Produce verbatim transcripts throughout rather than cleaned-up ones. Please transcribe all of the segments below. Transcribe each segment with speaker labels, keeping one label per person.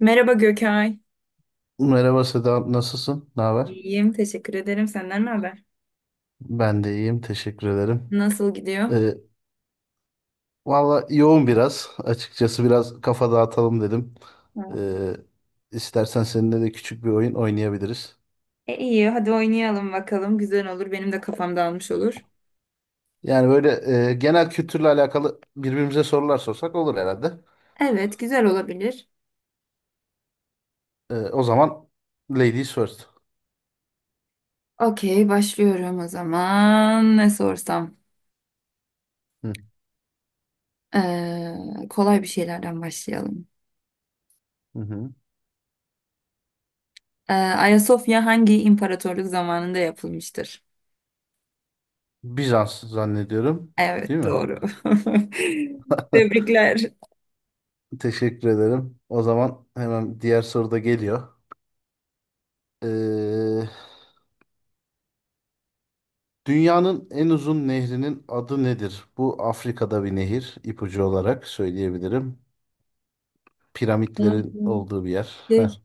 Speaker 1: Merhaba Gökay.
Speaker 2: Merhaba Seda, nasılsın? Ne haber?
Speaker 1: İyiyim, teşekkür ederim. Senden ne haber?
Speaker 2: Ben de iyiyim, teşekkür ederim.
Speaker 1: Nasıl gidiyor?
Speaker 2: Ee, Valla yoğun biraz. Açıkçası biraz kafa dağıtalım dedim.
Speaker 1: Ha,
Speaker 2: Ee, istersen seninle de küçük bir oyun oynayabiliriz.
Speaker 1: E iyi, hadi oynayalım bakalım. Güzel olur, benim de kafam dağılmış olur.
Speaker 2: Yani böyle e, genel kültürle alakalı birbirimize sorular sorsak olur herhalde.
Speaker 1: Evet, güzel olabilir.
Speaker 2: Ee, o zaman ladies first.
Speaker 1: Okey, başlıyorum o zaman. Ne sorsam?
Speaker 2: Hı,
Speaker 1: Ee, kolay bir şeylerden başlayalım.
Speaker 2: hı hı.
Speaker 1: Ee, Ayasofya hangi imparatorluk zamanında yapılmıştır?
Speaker 2: Bizans zannediyorum,
Speaker 1: Evet,
Speaker 2: değil mi?
Speaker 1: doğru. Tebrikler.
Speaker 2: Teşekkür ederim. O zaman hemen diğer soru da geliyor. Ee, Dünyanın en uzun nehrinin adı nedir? Bu Afrika'da bir nehir, İpucu olarak söyleyebilirim.
Speaker 1: Hı
Speaker 2: Piramitlerin
Speaker 1: hı.
Speaker 2: olduğu bir yer. Heh.
Speaker 1: Şey,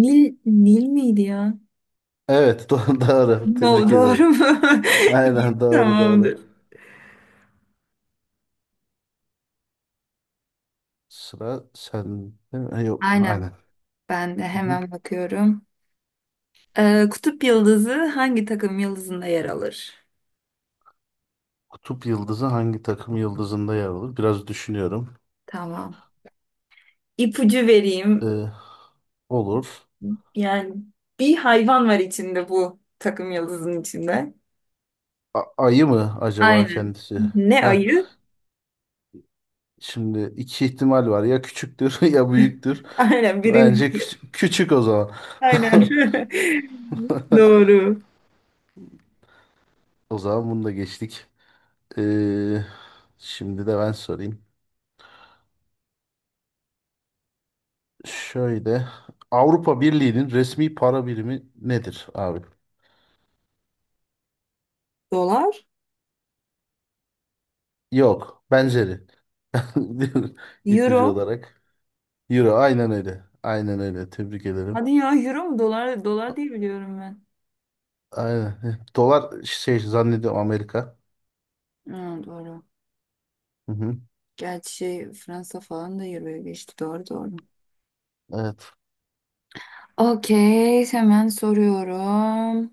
Speaker 1: Nil, Nil miydi ya?
Speaker 2: Evet, do- doğru.
Speaker 1: No,
Speaker 2: Tebrik
Speaker 1: doğru
Speaker 2: ederim.
Speaker 1: mu? İyi,
Speaker 2: Aynen, doğru doğru.
Speaker 1: tamamdır.
Speaker 2: Sıra sen Yok, aynen.
Speaker 1: Aynen. Ben de
Speaker 2: Hı.
Speaker 1: hemen bakıyorum. Ee, Kutup yıldızı hangi takım yıldızında yer alır?
Speaker 2: Kutup yıldızı hangi takım yıldızında yer alır? Biraz düşünüyorum.
Speaker 1: Tamam. İpucu vereyim.
Speaker 2: Ee, olur.
Speaker 1: Yani bir hayvan var içinde bu takım yıldızın içinde.
Speaker 2: A- ayı mı acaba
Speaker 1: Aynen.
Speaker 2: kendisi?
Speaker 1: Ne
Speaker 2: Heh.
Speaker 1: ayı?
Speaker 2: Şimdi iki ihtimal var. Ya küçüktür ya büyüktür.
Speaker 1: Aynen birinci.
Speaker 2: Bence küç- küçük o zaman.
Speaker 1: Aynen. Doğru.
Speaker 2: O zaman bunu da geçtik. Ee, Şimdi de ben sorayım. Şöyle, Avrupa Birliği'nin resmi para birimi nedir abi?
Speaker 1: Dolar?
Speaker 2: Yok, benzeri. İpucu
Speaker 1: Euro?
Speaker 2: olarak. Euro, aynen öyle. Aynen öyle. Tebrik ederim.
Speaker 1: Hadi ya euro mu? Dolar, dolar diye biliyorum ben.
Speaker 2: Aynen. eh, Dolar şey zannediyorum Amerika.
Speaker 1: Hı, doğru.
Speaker 2: Hı hı.
Speaker 1: Gerçi şey, Fransa falan da Euro'ya geçti. Doğru doğru.
Speaker 2: Evet.
Speaker 1: Okey. Hemen soruyorum.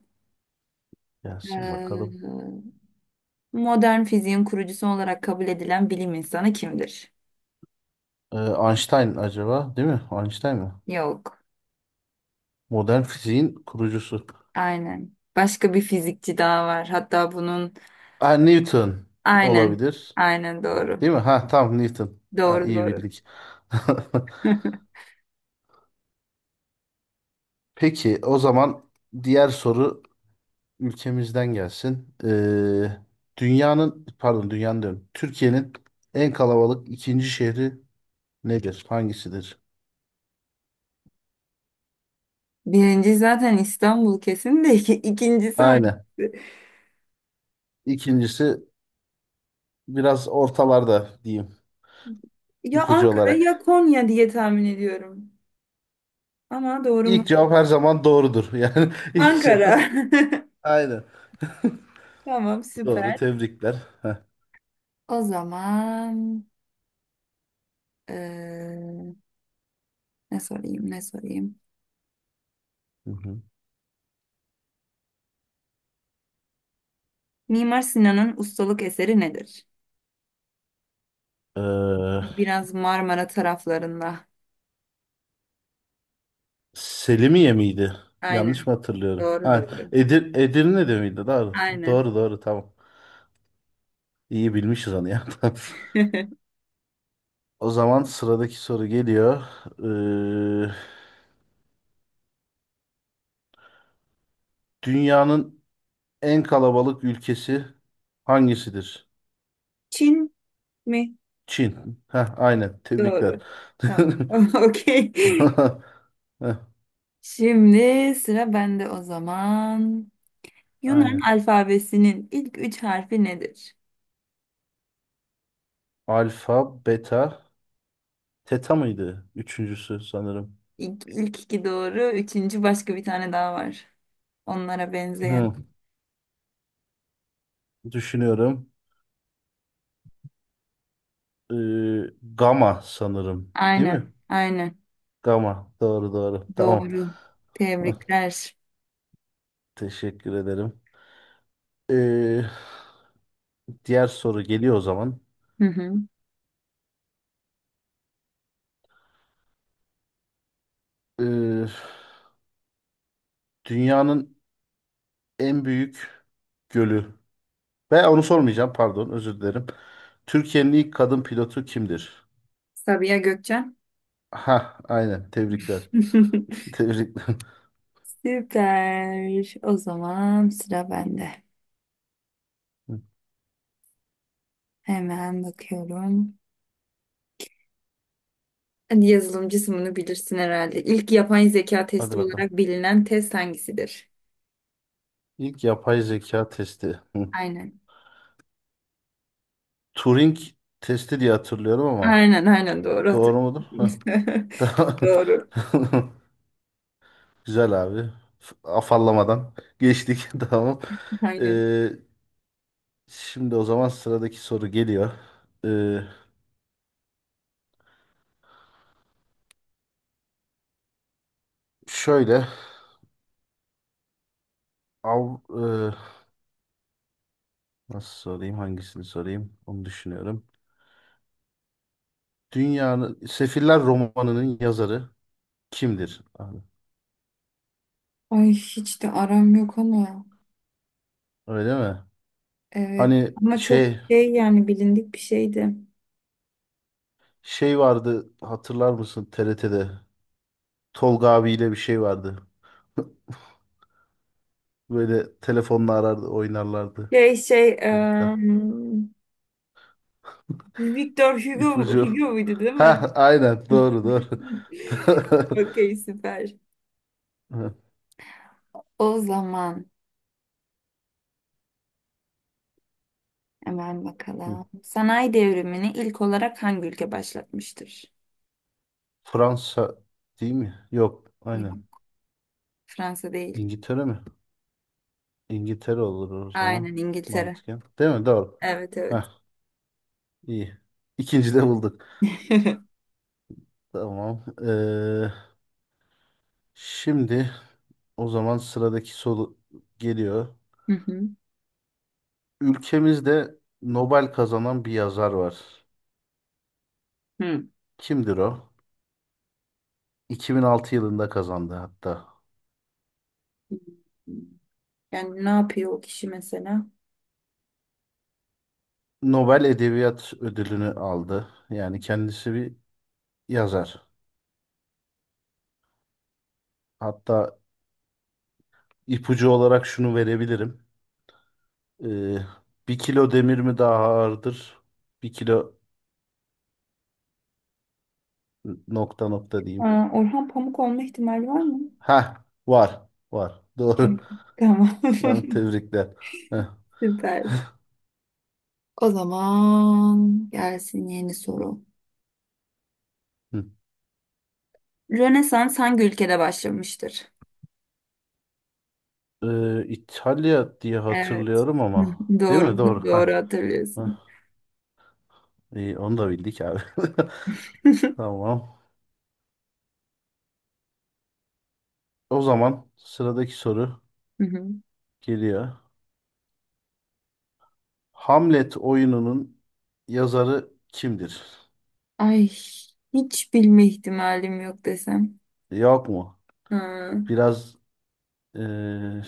Speaker 2: Gelsin bakalım.
Speaker 1: Ee, Modern fiziğin kurucusu olarak kabul edilen bilim insanı kimdir?
Speaker 2: Ee, Einstein acaba, değil mi? Einstein mi?
Speaker 1: Yok.
Speaker 2: Modern fiziğin kurucusu.
Speaker 1: Aynen. Başka bir fizikçi daha var. Hatta bunun...
Speaker 2: Ha, Newton
Speaker 1: Aynen.
Speaker 2: olabilir.
Speaker 1: Aynen doğru.
Speaker 2: Değil mi? Ha, tamam, Newton. Ha,
Speaker 1: Doğru
Speaker 2: iyi
Speaker 1: doğru.
Speaker 2: bildik. Peki o zaman diğer soru ülkemizden gelsin. Ee, dünyanın pardon dünyanın diyorum, Türkiye'nin en kalabalık ikinci şehri nedir? Hangisidir?
Speaker 1: Birinci zaten İstanbul kesin de iki- ikincisi hangisi?
Speaker 2: Aynen. İkincisi biraz ortalarda diyeyim,
Speaker 1: Ya
Speaker 2: ipucu
Speaker 1: Ankara ya
Speaker 2: olarak.
Speaker 1: Konya diye tahmin ediyorum. Ama doğru mu?
Speaker 2: İlk cevap her zaman doğrudur. Yani ilk
Speaker 1: Ankara.
Speaker 2: cevap, aynen.
Speaker 1: Tamam
Speaker 2: Doğru,
Speaker 1: süper.
Speaker 2: tebrikler. Heh.
Speaker 1: O zaman eee, ne sorayım ne sorayım.
Speaker 2: Hı hı.
Speaker 1: Mimar Sinan'ın ustalık eseri nedir?
Speaker 2: Ee,
Speaker 1: Biraz Marmara taraflarında.
Speaker 2: Selimiye miydi? Yanlış
Speaker 1: Aynen.
Speaker 2: mı hatırlıyorum?
Speaker 1: Doğru
Speaker 2: Ha,
Speaker 1: doğru.
Speaker 2: Edir Edirne'de miydi? Doğru.
Speaker 1: Aynen.
Speaker 2: Doğru doğru, tamam. İyi bilmişiz onu ya. Tamam. O zaman sıradaki soru geliyor. Ee, dünyanın en kalabalık ülkesi hangisidir?
Speaker 1: Çin mi?
Speaker 2: Çin. Ha, aynen. Tebrikler.
Speaker 1: Doğru. Tamam. Okey.
Speaker 2: Heh,
Speaker 1: Şimdi sıra bende o zaman. Yunan
Speaker 2: aynen.
Speaker 1: alfabesinin ilk üç harfi nedir?
Speaker 2: Alfa, beta, teta mıydı? Üçüncüsü sanırım.
Speaker 1: İlk, ilk iki doğru. Üçüncü başka bir tane daha var. Onlara benzeyen.
Speaker 2: Hı, düşünüyorum. Ee, gamma sanırım. Değil
Speaker 1: Aynen.
Speaker 2: mi?
Speaker 1: Aynen.
Speaker 2: Tamam. Doğru doğru. Tamam.
Speaker 1: Doğru.
Speaker 2: Hah,
Speaker 1: Tebrikler.
Speaker 2: teşekkür ederim. Ee, diğer soru geliyor o zaman.
Speaker 1: Hı hı.
Speaker 2: Ee, dünyanın en büyük gölü. Ben onu sormayacağım. Pardon. Özür dilerim. Türkiye'nin ilk kadın pilotu kimdir?
Speaker 1: Sabiha Gökçen.
Speaker 2: Ha, aynen. Tebrikler. Tebrikler.
Speaker 1: Süper. O zaman sıra bende.
Speaker 2: Hı.
Speaker 1: Hemen bakıyorum. Hadi yazılımcısın bunu bilirsin herhalde. İlk yapay zeka
Speaker 2: Hadi
Speaker 1: testi
Speaker 2: bakalım.
Speaker 1: olarak bilinen test hangisidir?
Speaker 2: İlk yapay zeka testi. Hı.
Speaker 1: Aynen.
Speaker 2: Turing testi diye hatırlıyorum ama,
Speaker 1: Aynen aynen doğru
Speaker 2: doğru mudur? Hı.
Speaker 1: hatırlıyorum.
Speaker 2: Tamam.
Speaker 1: Doğru.
Speaker 2: Güzel abi. F- Afallamadan geçtik. Tamam.
Speaker 1: Aynen.
Speaker 2: Ee, şimdi o zaman sıradaki soru geliyor. Ee, şöyle av, e, nasıl sorayım, hangisini sorayım onu düşünüyorum. Dünyanın Sefiller romanının yazarı kimdir abi?
Speaker 1: Ay hiç de aram yok ama.
Speaker 2: Öyle mi?
Speaker 1: Evet.
Speaker 2: Hani
Speaker 1: Ama çok
Speaker 2: şey,
Speaker 1: şey yani bilindik bir şeydi.
Speaker 2: şey vardı hatırlar mısın, T R T'de Tolga abiyle bir şey vardı. Böyle telefonla arardı, oynarlardı
Speaker 1: Şey şey
Speaker 2: çocuklar.
Speaker 1: eee, Victor Hugo,
Speaker 2: İpucu.
Speaker 1: Hugo muydu değil mi?
Speaker 2: Ha, aynen, doğru doğru.
Speaker 1: Okey süper. O zaman hemen bakalım. Sanayi devrimini ilk olarak hangi ülke başlatmıştır?
Speaker 2: Fransa değil mi? Yok, aynen.
Speaker 1: Yine Fransa değil.
Speaker 2: İngiltere mi? İngiltere olur o zaman
Speaker 1: Aynen İngiltere.
Speaker 2: mantıken. Değil mi? Doğru.
Speaker 1: Evet evet.
Speaker 2: Heh, iyi. İkinci de bulduk. Tamam. Ee, şimdi o zaman sıradaki soru geliyor.
Speaker 1: Hı hı.
Speaker 2: Ülkemizde Nobel kazanan bir yazar var.
Speaker 1: Hı.
Speaker 2: Kimdir o? iki bin altı yılında kazandı hatta.
Speaker 1: Yani ne yapıyor o kişi mesela?
Speaker 2: Nobel Edebiyat Ödülünü aldı. Yani kendisi bir yazar. Hatta ipucu olarak şunu verebilirim. Ee, bir kilo demir mi daha ağırdır? Bir kilo nokta nokta diyeyim.
Speaker 1: Aa, Orhan Pamuk olma ihtimali var mı?
Speaker 2: Ha, var, var.
Speaker 1: Tamam.
Speaker 2: Doğru.
Speaker 1: Tamam.
Speaker 2: Ha, tebrikler. Heh,
Speaker 1: Süper. O zaman gelsin yeni soru.
Speaker 2: hı.
Speaker 1: Rönesans hangi ülkede başlamıştır?
Speaker 2: Ee, İtalya diye
Speaker 1: Evet.
Speaker 2: hatırlıyorum ama. Değil mi?
Speaker 1: Doğru,
Speaker 2: Doğru.
Speaker 1: doğru
Speaker 2: Ha. Ha,
Speaker 1: hatırlıyorsun.
Speaker 2: iyi, onu da bildik abi. Tamam. O zaman sıradaki soru
Speaker 1: Hı hı.
Speaker 2: geliyor. Hamlet oyununun yazarı kimdir?
Speaker 1: Ay, hiç bilme ihtimalim yok desem.
Speaker 2: Yok mu?
Speaker 1: Ha.
Speaker 2: Biraz eee,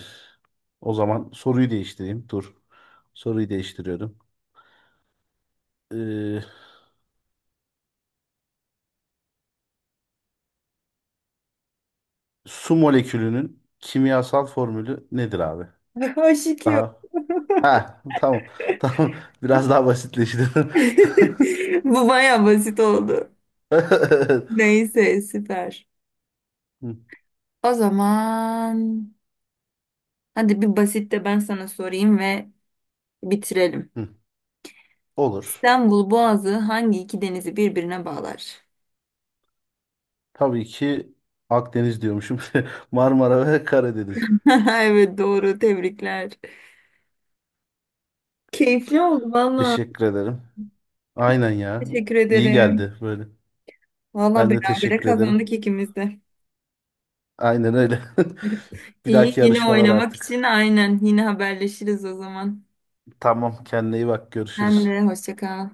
Speaker 2: o zaman soruyu değiştireyim. Dur. Soruyu değiştiriyorum. Eee, su molekülünün kimyasal formülü nedir abi?
Speaker 1: Aşık yok.
Speaker 2: Daha. Ha, tamam. Tamam. Biraz daha basitleşti.
Speaker 1: Bu baya basit oldu. Neyse, süper.
Speaker 2: Hı,
Speaker 1: O zaman hadi bir basit de ben sana sorayım ve bitirelim.
Speaker 2: hı. Olur.
Speaker 1: İstanbul Boğazı hangi iki denizi birbirine bağlar?
Speaker 2: Tabii ki Akdeniz diyormuşum. Marmara ve Karadeniz.
Speaker 1: Evet doğru tebrikler. Keyifli oldu valla.
Speaker 2: Teşekkür ederim. Aynen ya.
Speaker 1: Teşekkür
Speaker 2: İyi
Speaker 1: ederim.
Speaker 2: geldi böyle.
Speaker 1: Valla
Speaker 2: Ben de
Speaker 1: berabere
Speaker 2: teşekkür ederim.
Speaker 1: kazandık ikimiz de.
Speaker 2: Aynen öyle. Bir
Speaker 1: İyi,
Speaker 2: dahaki
Speaker 1: yine
Speaker 2: yarışmalar
Speaker 1: oynamak için
Speaker 2: artık.
Speaker 1: aynen. Yine haberleşiriz o zaman.
Speaker 2: Tamam, kendine iyi bak.
Speaker 1: Sen
Speaker 2: Görüşürüz.
Speaker 1: de hoşça kal.